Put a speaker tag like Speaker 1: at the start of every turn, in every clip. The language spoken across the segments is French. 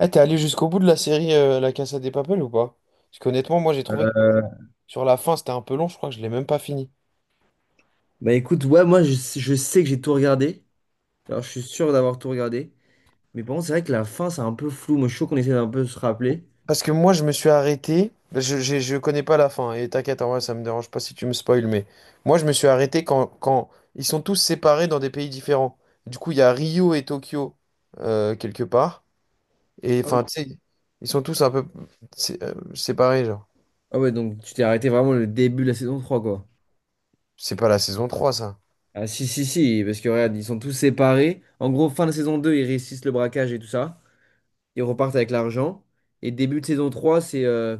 Speaker 1: Eh, t'es allé jusqu'au bout de la série La Casa des Papel ou pas? Parce qu'honnêtement, moi j'ai trouvé que
Speaker 2: Euh,
Speaker 1: sur la fin c'était un peu long, je crois que je l'ai même pas fini.
Speaker 2: Bah écoute, ouais, moi je sais que j'ai tout regardé. Alors je suis sûr d'avoir tout regardé. Mais par contre, c'est vrai que la fin, c'est un peu flou. Moi, je suis chaud qu'on essaie d'un peu se rappeler.
Speaker 1: Parce que moi je me suis arrêté, bah, je connais pas la fin, hein, et t'inquiète, en vrai ça me dérange pas si tu me spoil, mais moi je me suis arrêté quand ils sont tous séparés dans des pays différents. Du coup, il y a Rio et Tokyo quelque part, et
Speaker 2: Ah oui.
Speaker 1: enfin tu sais, ils sont tous un peu séparés, genre.
Speaker 2: Ah ouais, donc tu t'es arrêté vraiment le début de la saison 3, quoi.
Speaker 1: C'est pas la saison trois, ça.
Speaker 2: Ah si, si, si, parce que regarde, ils sont tous séparés. En gros, fin de saison 2, ils réussissent le braquage et tout ça. Ils repartent avec l'argent. Et début de saison 3, c'est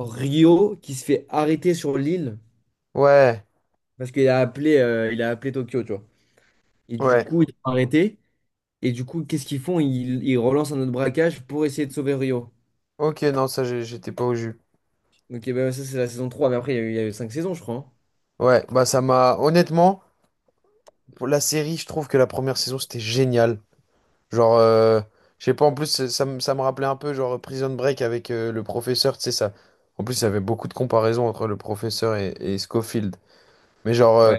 Speaker 2: Rio qui se fait arrêter sur l'île
Speaker 1: Ouais,
Speaker 2: parce qu'il a appelé, il a appelé Tokyo, tu vois. Et du
Speaker 1: ouais.
Speaker 2: coup, ils sont arrêtés. Et du coup, qu'est-ce qu'ils font? Ils relancent un autre braquage pour essayer de sauver Rio.
Speaker 1: Ok, non, ça j'étais pas au jus.
Speaker 2: Donc eh ben, ça, c'est la saison 3. Mais après, il y a eu 5 saisons, je crois, hein.
Speaker 1: Ouais, bah ça m'a honnêtement. Pour la série, je trouve que la première saison, c'était génial. Genre, je sais pas, en plus, ça, ça me rappelait un peu, genre, Prison Break avec le professeur, tu sais, ça. En plus, il y avait beaucoup de comparaisons entre le professeur et Scofield. Mais genre,
Speaker 2: Ouais.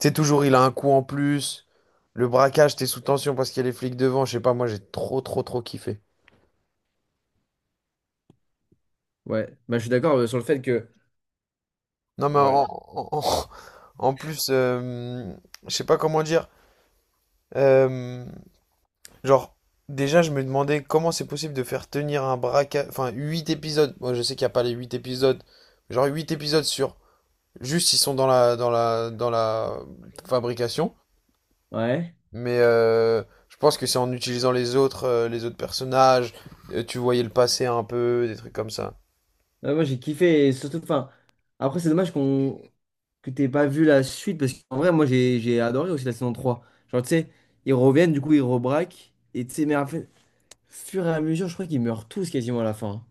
Speaker 1: tu sais, toujours, il a un coup en plus. Le braquage, t'es sous tension parce qu'il y a les flics devant. Je sais pas, moi, j'ai trop kiffé.
Speaker 2: Ouais, bah, je suis d'accord sur le fait que.
Speaker 1: Non, mais
Speaker 2: Ouais.
Speaker 1: en- en plus, je sais pas comment dire. Euh, Genre, déjà, je me demandais comment c'est possible de faire tenir un braquage. Enfin, 8 épisodes. Moi, je sais qu'il n'y a pas les 8 épisodes. Genre, 8 épisodes sur. Juste, ils sont dans la fabrication.
Speaker 2: Ouais.
Speaker 1: Mais je pense que c'est en utilisant les autres personnages. Tu voyais le passé un peu, des trucs comme ça.
Speaker 2: Ouais, moi, j'ai kiffé. Et surtout, enfin. Après, c'est dommage qu'on que t'aies pas vu la suite. Parce qu'en vrai, moi, j'ai adoré aussi la saison 3. Genre, tu sais, ils reviennent, du coup, ils rebraquent. Et tu sais, mais en fait, fur et à mesure, je crois qu'ils meurent tous quasiment à la fin, hein.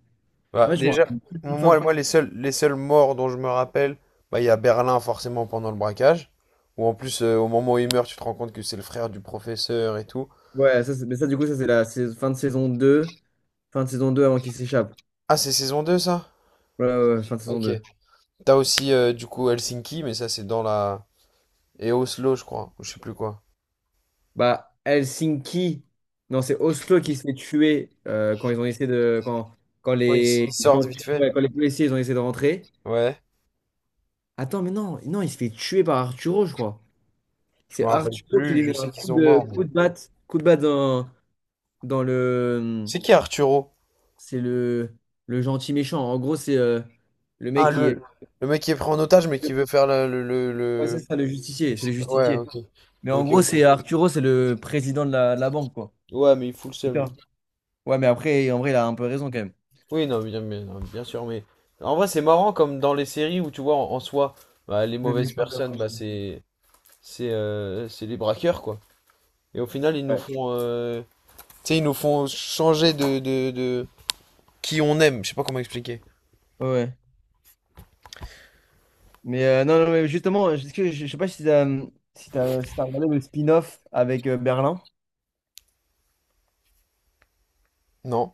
Speaker 2: En
Speaker 1: Bah,
Speaker 2: fait, je me
Speaker 1: déjà,
Speaker 2: rappelle plus de la fin.
Speaker 1: moi les seuls morts dont je me rappelle, bah, il y a Berlin, forcément, pendant le braquage. Ou en plus, au moment où il meurt, tu te rends compte que c'est le frère du professeur et tout.
Speaker 2: Ouais, mais ça, du coup, ça, c'est la fin de saison 2. Fin de saison 2 avant qu'ils s'échappent.
Speaker 1: Ah, c'est saison 2 ça?
Speaker 2: Ouais, ouais, ouais, fin de saison
Speaker 1: Ok.
Speaker 2: deux.
Speaker 1: T'as aussi du coup Helsinki, mais ça c'est dans la... Et Oslo, je crois, ou je sais plus quoi.
Speaker 2: Bah, Helsinki, non, c'est Oslo qui se fait tuer quand ils ont essayé de. Quand
Speaker 1: Oui, ils
Speaker 2: les gens,
Speaker 1: sortent vite fait.
Speaker 2: ouais, quand les policiers ils ont essayé de rentrer.
Speaker 1: Ouais,
Speaker 2: Attends, mais non, non, il se fait tuer par Arturo, je crois.
Speaker 1: je
Speaker 2: C'est
Speaker 1: me rappelle
Speaker 2: Arturo qui
Speaker 1: plus,
Speaker 2: lui
Speaker 1: je
Speaker 2: met
Speaker 1: sais
Speaker 2: un
Speaker 1: qu'ils
Speaker 2: coup
Speaker 1: sont
Speaker 2: de,
Speaker 1: morts. Mais-
Speaker 2: coup de batte, coup de batte dans le.
Speaker 1: c'est qui Arturo?
Speaker 2: C'est le gentil méchant. En gros, c'est le
Speaker 1: Ah,
Speaker 2: mec qui est.
Speaker 1: le mec qui est pris en otage, mais qui veut faire
Speaker 2: Ouais, c'est ça, le
Speaker 1: le-
Speaker 2: justicier. C'est le
Speaker 1: je- ouais,
Speaker 2: justicier.
Speaker 1: ok.
Speaker 2: Mais en
Speaker 1: Ok,
Speaker 2: gros, c'est
Speaker 1: ok.
Speaker 2: Arturo, c'est le président de la banque, quoi.
Speaker 1: Ouais, mais il fout le seum, lui.
Speaker 2: Putain. Ouais, mais après, en vrai, il a un peu raison quand même.
Speaker 1: Oui, non, bien, mais- non, bien sûr, mais... En vrai, c'est marrant, comme dans les séries où, tu vois, en soi, bah, les
Speaker 2: Le
Speaker 1: mauvaises
Speaker 2: méchant de la
Speaker 1: personnes,
Speaker 2: Robin.
Speaker 1: bah, c'est... c'est les braqueurs, quoi. Et au final, ils nous
Speaker 2: Ouais.
Speaker 1: font... Tu sais, ils nous font changer de qui on aime. Je sais pas comment expliquer.
Speaker 2: Ouais. Mais non, non, mais justement, je sais pas si t'as regardé le spin-off avec Berlin.
Speaker 1: Non.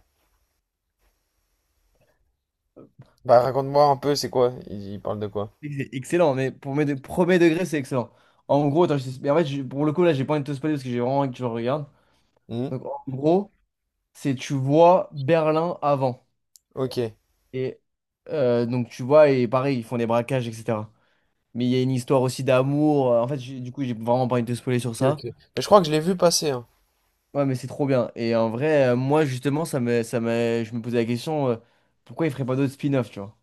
Speaker 1: Bah, raconte-moi un peu, c'est quoi? Ils parlent de quoi?
Speaker 2: C'est excellent, mais pour mes premier degré, c'est excellent. En gros, attends, mais en fait, pour le coup, là, j'ai pas envie de te spoiler parce que j'ai vraiment envie que tu le regardes.
Speaker 1: Hmm.
Speaker 2: Donc, en gros, c'est tu vois Berlin avant.
Speaker 1: Ok.
Speaker 2: Et donc, tu vois, et pareil, ils font des braquages, etc. Mais il y a une histoire aussi d'amour. En fait, du coup, j'ai vraiment pas envie de te spoiler
Speaker 1: Ok,
Speaker 2: sur ça.
Speaker 1: ok. Mais je crois que je l'ai vu passer, hein.
Speaker 2: Ouais, mais c'est trop bien. Et en vrai, moi, justement, je me posais la question, pourquoi ils feraient pas d'autres spin-off, tu vois?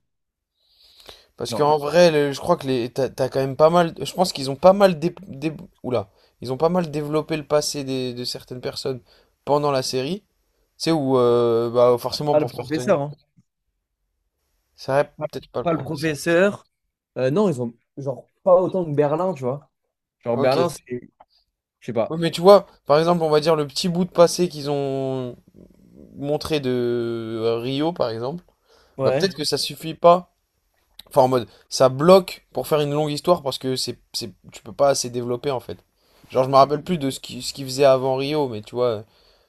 Speaker 1: Parce
Speaker 2: Non,
Speaker 1: qu'en vrai, le- je crois que les, t'as quand même pas mal. Je pense qu'ils ont pas mal oula. Ils ont pas mal développé le passé des- de certaines personnes pendant la série. Tu sais, où, bah, forcément
Speaker 2: pas le
Speaker 1: pour faire tenir.
Speaker 2: professeur, hein.
Speaker 1: C'est vrai,
Speaker 2: Pas
Speaker 1: peut-être pas le
Speaker 2: pas le
Speaker 1: professeur.
Speaker 2: professeur. Non, ils ont, genre, pas autant que Berlin, tu vois. Genre,
Speaker 1: Ok.
Speaker 2: Berlin, c'est, je sais pas.
Speaker 1: Oui, mais tu vois, par exemple, on va dire le petit bout de passé qu'ils ont montré de Rio, par exemple, bah
Speaker 2: Ouais.
Speaker 1: peut-être que ça suffit pas. Enfin, en mode, ça bloque pour faire une longue histoire parce que tu peux pas assez développer en fait. Genre, je me
Speaker 2: Je sais pas.
Speaker 1: rappelle plus de ce qu'il faisait avant Rio, mais tu vois.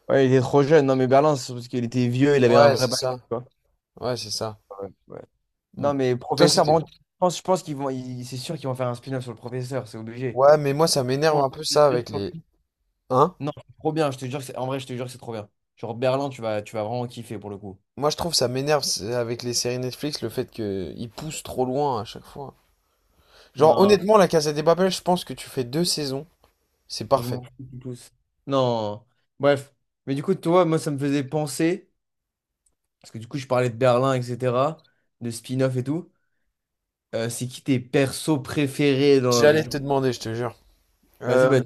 Speaker 2: Ouais, il était trop jeune. Non, mais Berlin, c'est parce qu'il était vieux, il avait un
Speaker 1: Ouais,
Speaker 2: vrai
Speaker 1: c'est
Speaker 2: passé, tu
Speaker 1: ça.
Speaker 2: vois.
Speaker 1: Ouais, c'est ça.
Speaker 2: Ouais, ouais.
Speaker 1: Mm.
Speaker 2: Non, mais
Speaker 1: Toi,
Speaker 2: professeur,
Speaker 1: c'était.
Speaker 2: par contre, je pense qu'ils vont, c'est sûr qu'ils vont faire un spin-off sur le professeur, c'est obligé.
Speaker 1: Ouais, mais moi, ça m'énerve
Speaker 2: Tellement de
Speaker 1: un peu ça
Speaker 2: culture
Speaker 1: avec
Speaker 2: sur
Speaker 1: les.
Speaker 2: lui.
Speaker 1: Hein?
Speaker 2: Non, c'est trop bien, je te jure que c'est... En vrai, je te jure que c'est trop bien. Genre Berlin, tu vas vraiment kiffer pour le coup.
Speaker 1: Moi, je trouve ça m'énerve c'est- avec les séries Netflix le fait que ils poussent trop loin à chaque fois. Genre,
Speaker 2: Non,
Speaker 1: honnêtement, La Casa des Papel, je pense que tu fais deux saisons, c'est
Speaker 2: je
Speaker 1: parfait.
Speaker 2: m'en fous du tout. Non. Bref. Mais du coup, toi, moi, ça me faisait penser, parce que du coup, je parlais de Berlin, etc., de spin-off et tout. C'est qui tes persos préférés dans la... parce que
Speaker 1: J'allais te demander, je te jure.
Speaker 2: Vas-y,
Speaker 1: Euh,
Speaker 2: bah...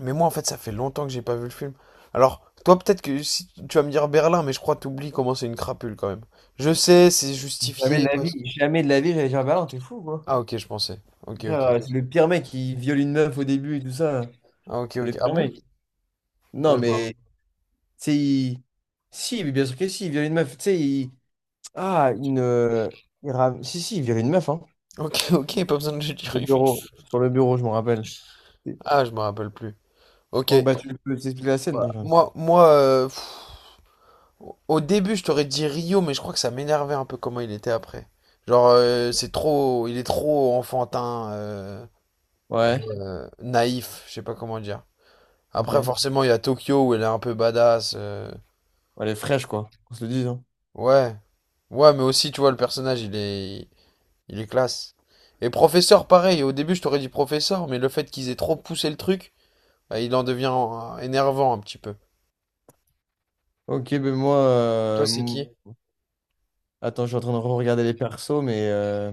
Speaker 1: Mais moi, en fait, ça fait longtemps que j'ai pas vu le film. Alors, toi, peut-être que si tu vas me dire Berlin, mais je crois que t'oublies comment c'est une crapule quand même. Je sais, c'est
Speaker 2: Jamais de
Speaker 1: justifié
Speaker 2: la
Speaker 1: parce
Speaker 2: vie,
Speaker 1: que.
Speaker 2: jamais de la vie, j'allais dire Berlin, t'es fou, quoi.
Speaker 1: Ah, ok, je pensais. Ok,
Speaker 2: Frère,
Speaker 1: ok.
Speaker 2: c'est le pire mec qui viole une meuf au début et tout ça.
Speaker 1: Ah, ok,
Speaker 2: C'est le
Speaker 1: ok. Ah
Speaker 2: pire
Speaker 1: bon?
Speaker 2: mec. Non,
Speaker 1: Ouais, je me rappelle.
Speaker 2: mais, tu sais, Si, mais bien sûr que si, il viole une meuf, tu sais, il... Ah, une. Si, si, il virait une meuf, hein.
Speaker 1: Ok, ok, pas besoin de le
Speaker 2: Sur
Speaker 1: dire.
Speaker 2: le bureau, sur le bureau, je me rappelle.
Speaker 1: Ah, je me rappelle plus. Ok.
Speaker 2: Franck, bah, tu peux t'expliquer la scène?
Speaker 1: Voilà.
Speaker 2: Non, je...
Speaker 1: Moi, pff, au début, je t'aurais dit Rio, mais je crois que ça m'énervait un peu comment il était après. Genre, c'est trop, il est trop enfantin,
Speaker 2: Ouais,
Speaker 1: naïf, je sais pas comment dire.
Speaker 2: ok.
Speaker 1: Après, forcément, il y a Tokyo où elle est un peu badass.
Speaker 2: Elle est fraîche, quoi. On se le dise, hein.
Speaker 1: Ouais. Ouais, mais aussi, tu vois, le personnage, il est classe. Et professeur, pareil. Au début, je t'aurais dit professeur, mais le fait qu'ils aient trop poussé le truc, bah, il en devient énervant un petit peu.
Speaker 2: Ok, ben moi.
Speaker 1: Toi, c'est qui?
Speaker 2: Attends, je suis en train de regarder les persos, mais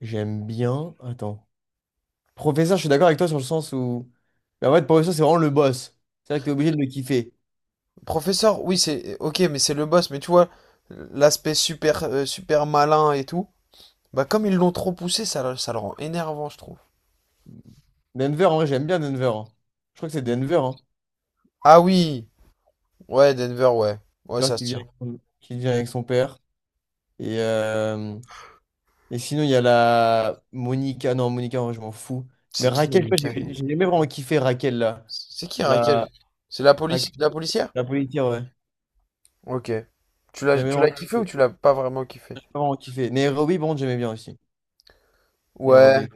Speaker 2: j'aime bien. Attends. Professeur, je suis d'accord avec toi sur le sens où. Bah, en fait, professeur, c'est vraiment le boss. C'est vrai que t'es obligé de le kiffer.
Speaker 1: Professeur, oui, c'est... Ok, mais c'est le boss. Mais tu vois, l'aspect super, super malin et tout, bah, comme ils l'ont trop poussé, ça, ça le rend énervant, je trouve.
Speaker 2: Denver, en vrai, j'aime bien Denver, hein. Je crois que c'est Denver, hein.
Speaker 1: Ah oui! Ouais, Denver, ouais. Ouais,
Speaker 2: Denver
Speaker 1: ça se
Speaker 2: qui vient
Speaker 1: tient.
Speaker 2: avec son... qui vient avec son père. Et. euh, Et sinon, il y a la Monica. Non, Monica, moi, je m'en fous. Mais
Speaker 1: C'est qui,
Speaker 2: Raquel, tu vois,
Speaker 1: Monica?
Speaker 2: j'ai jamais vraiment kiffé Raquel, là.
Speaker 1: C'est qui Raquel?
Speaker 2: La,
Speaker 1: C'est la police,
Speaker 2: Raquel,
Speaker 1: la policière?
Speaker 2: la policière, ouais.
Speaker 1: Ok.
Speaker 2: J'ai jamais
Speaker 1: Tu l'as
Speaker 2: vraiment,
Speaker 1: kiffé ou
Speaker 2: j'ai
Speaker 1: tu l'as pas vraiment kiffé?
Speaker 2: pas vraiment kiffé. Nairobi, bon, j'aimais bien aussi.
Speaker 1: Ouais.
Speaker 2: Nairobi.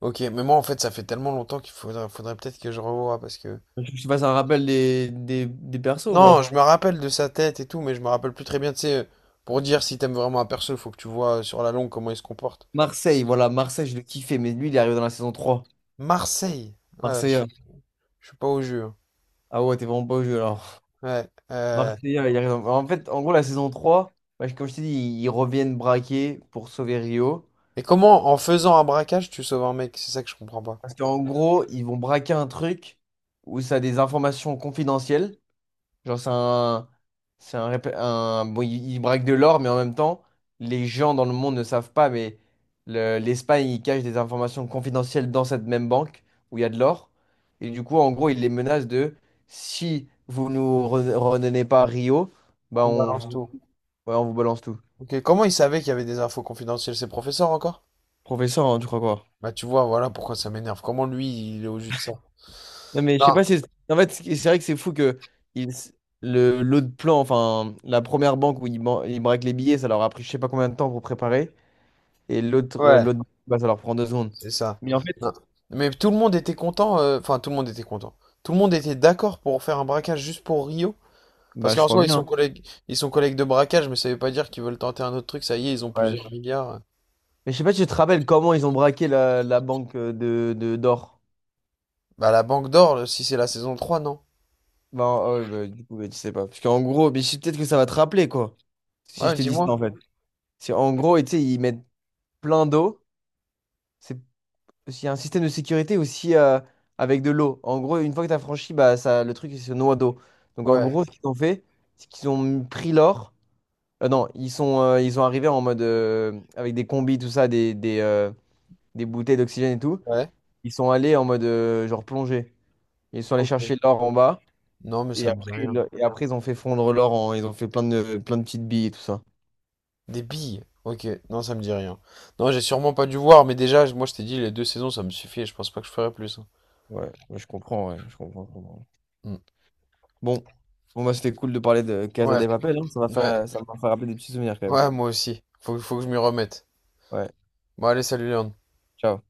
Speaker 1: Ok, mais moi en fait ça fait tellement longtemps qu'il faudrait peut-être que je revoie parce que.
Speaker 2: Je sais pas, ça me rappelle des persos, ou
Speaker 1: Non,
Speaker 2: pas
Speaker 1: je me rappelle de sa tête et tout, mais je me rappelle plus très bien. Tu sais, pour dire si t'aimes vraiment un perso, faut que tu vois sur la longue comment il se comporte.
Speaker 2: Marseille, voilà, Marseille, je le kiffais, mais lui, il est arrivé dans la saison trois.
Speaker 1: Marseille. Ouais,
Speaker 2: Marseille,
Speaker 1: je suis pas au jeu, hein.
Speaker 2: ah ouais, t'es vraiment pas au jeu, alors.
Speaker 1: Ouais.
Speaker 2: Marseille, il arrive dans... En fait, en gros, la saison trois, bah, comme je t'ai dit, ils reviennent braquer pour sauver Rio.
Speaker 1: Et comment en faisant un braquage tu sauves un mec? C'est ça que je comprends pas.
Speaker 2: Parce qu'en gros, ils vont braquer un truc où ça a des informations confidentielles. Genre, c'est un. C'est un, bon, ils braquent de l'or, mais en même temps, les gens dans le monde ne savent pas, mais l'Espagne, ils cachent des informations confidentielles dans cette même banque où il y a de l'or. Et du coup, en gros, ils les menacent de si vous nous redonnez pas Rio, bah
Speaker 1: On
Speaker 2: on
Speaker 1: balance
Speaker 2: vous,
Speaker 1: tout.
Speaker 2: ouais, on vous balance tout.
Speaker 1: Ok, comment il savait qu'il y avait des infos confidentielles, ses professeurs encore?
Speaker 2: Professeur, hein, tu crois quoi?
Speaker 1: Bah tu vois, voilà pourquoi ça m'énerve. Comment lui, il est au jus de ça?
Speaker 2: Non, mais je sais
Speaker 1: Non,
Speaker 2: pas si. En fait, c'est vrai que c'est fou que ils- le, l'autre plan, enfin, la première banque où ils, ils braquent les billets, ça leur a pris je sais pas combien de temps pour préparer. Et l'autre,
Speaker 1: ouais,
Speaker 2: bah, ça leur prend 2 secondes.
Speaker 1: c'est ça.
Speaker 2: Mais en fait,
Speaker 1: Non. Mais tout le monde était content, enfin tout le monde était content. Tout le monde était d'accord pour faire un braquage juste pour Rio.
Speaker 2: bah,
Speaker 1: Parce
Speaker 2: je
Speaker 1: qu'en
Speaker 2: crois
Speaker 1: soi,
Speaker 2: bien.
Speaker 1: ils sont collègues de braquage, mais ça veut pas dire qu'ils veulent tenter un autre truc, ça y est, ils ont
Speaker 2: Ouais, je...
Speaker 1: plusieurs milliards.
Speaker 2: Mais je sais pas si tu te rappelles comment ils ont braqué la banque de d'or.
Speaker 1: Bah, la Banque d'Or, là, si c'est la saison trois, non?
Speaker 2: Ben, ah ouais, bah, du coup, bah, tu sais pas. Parce qu'en gros, mais je... peut-être que ça va te rappeler, quoi. Si je
Speaker 1: Ouais,
Speaker 2: te dis ça, en
Speaker 1: dis-moi.
Speaker 2: fait. C'est en gros, et tu sais, ils mettent plein d'eau. C'est parce qu'il y a un système de sécurité aussi avec de l'eau. En gros, une fois que tu as franchi, bah, ça, le truc il se noie d'eau. Donc en
Speaker 1: Ouais,
Speaker 2: gros, ce qu'ils ont fait, c'est qu'ils ont pris l'or. Non, ils sont arrivés en mode avec des combis, tout ça, des bouteilles d'oxygène et tout.
Speaker 1: ouais.
Speaker 2: Ils sont allés en mode genre plongée. Ils sont allés
Speaker 1: Ok.
Speaker 2: chercher l'or en bas.
Speaker 1: Non, mais
Speaker 2: Et
Speaker 1: ça me dit
Speaker 2: après,
Speaker 1: rien.
Speaker 2: et après, ils ont fait fondre l'or en... Ils ont fait plein de petites billes et tout ça.
Speaker 1: Des billes. Ok, non, ça me dit rien. Non, j'ai sûrement pas dû voir, mais déjà, moi, je t'ai dit, les deux saisons, ça me suffit, et je pense pas que je ferai plus, hein.
Speaker 2: Ouais, ouais, je comprends, je comprends.
Speaker 1: Hmm.
Speaker 2: Bon, bon bah, c'était cool de parler de Casa
Speaker 1: Ouais,
Speaker 2: de Papel, hein.
Speaker 1: ouais,
Speaker 2: Ça m'a fait rappeler des petits souvenirs quand même.
Speaker 1: ouais, moi aussi. Faut que je m'y remette.
Speaker 2: Ouais.
Speaker 1: Bon, allez, salut, Léon.
Speaker 2: Ciao.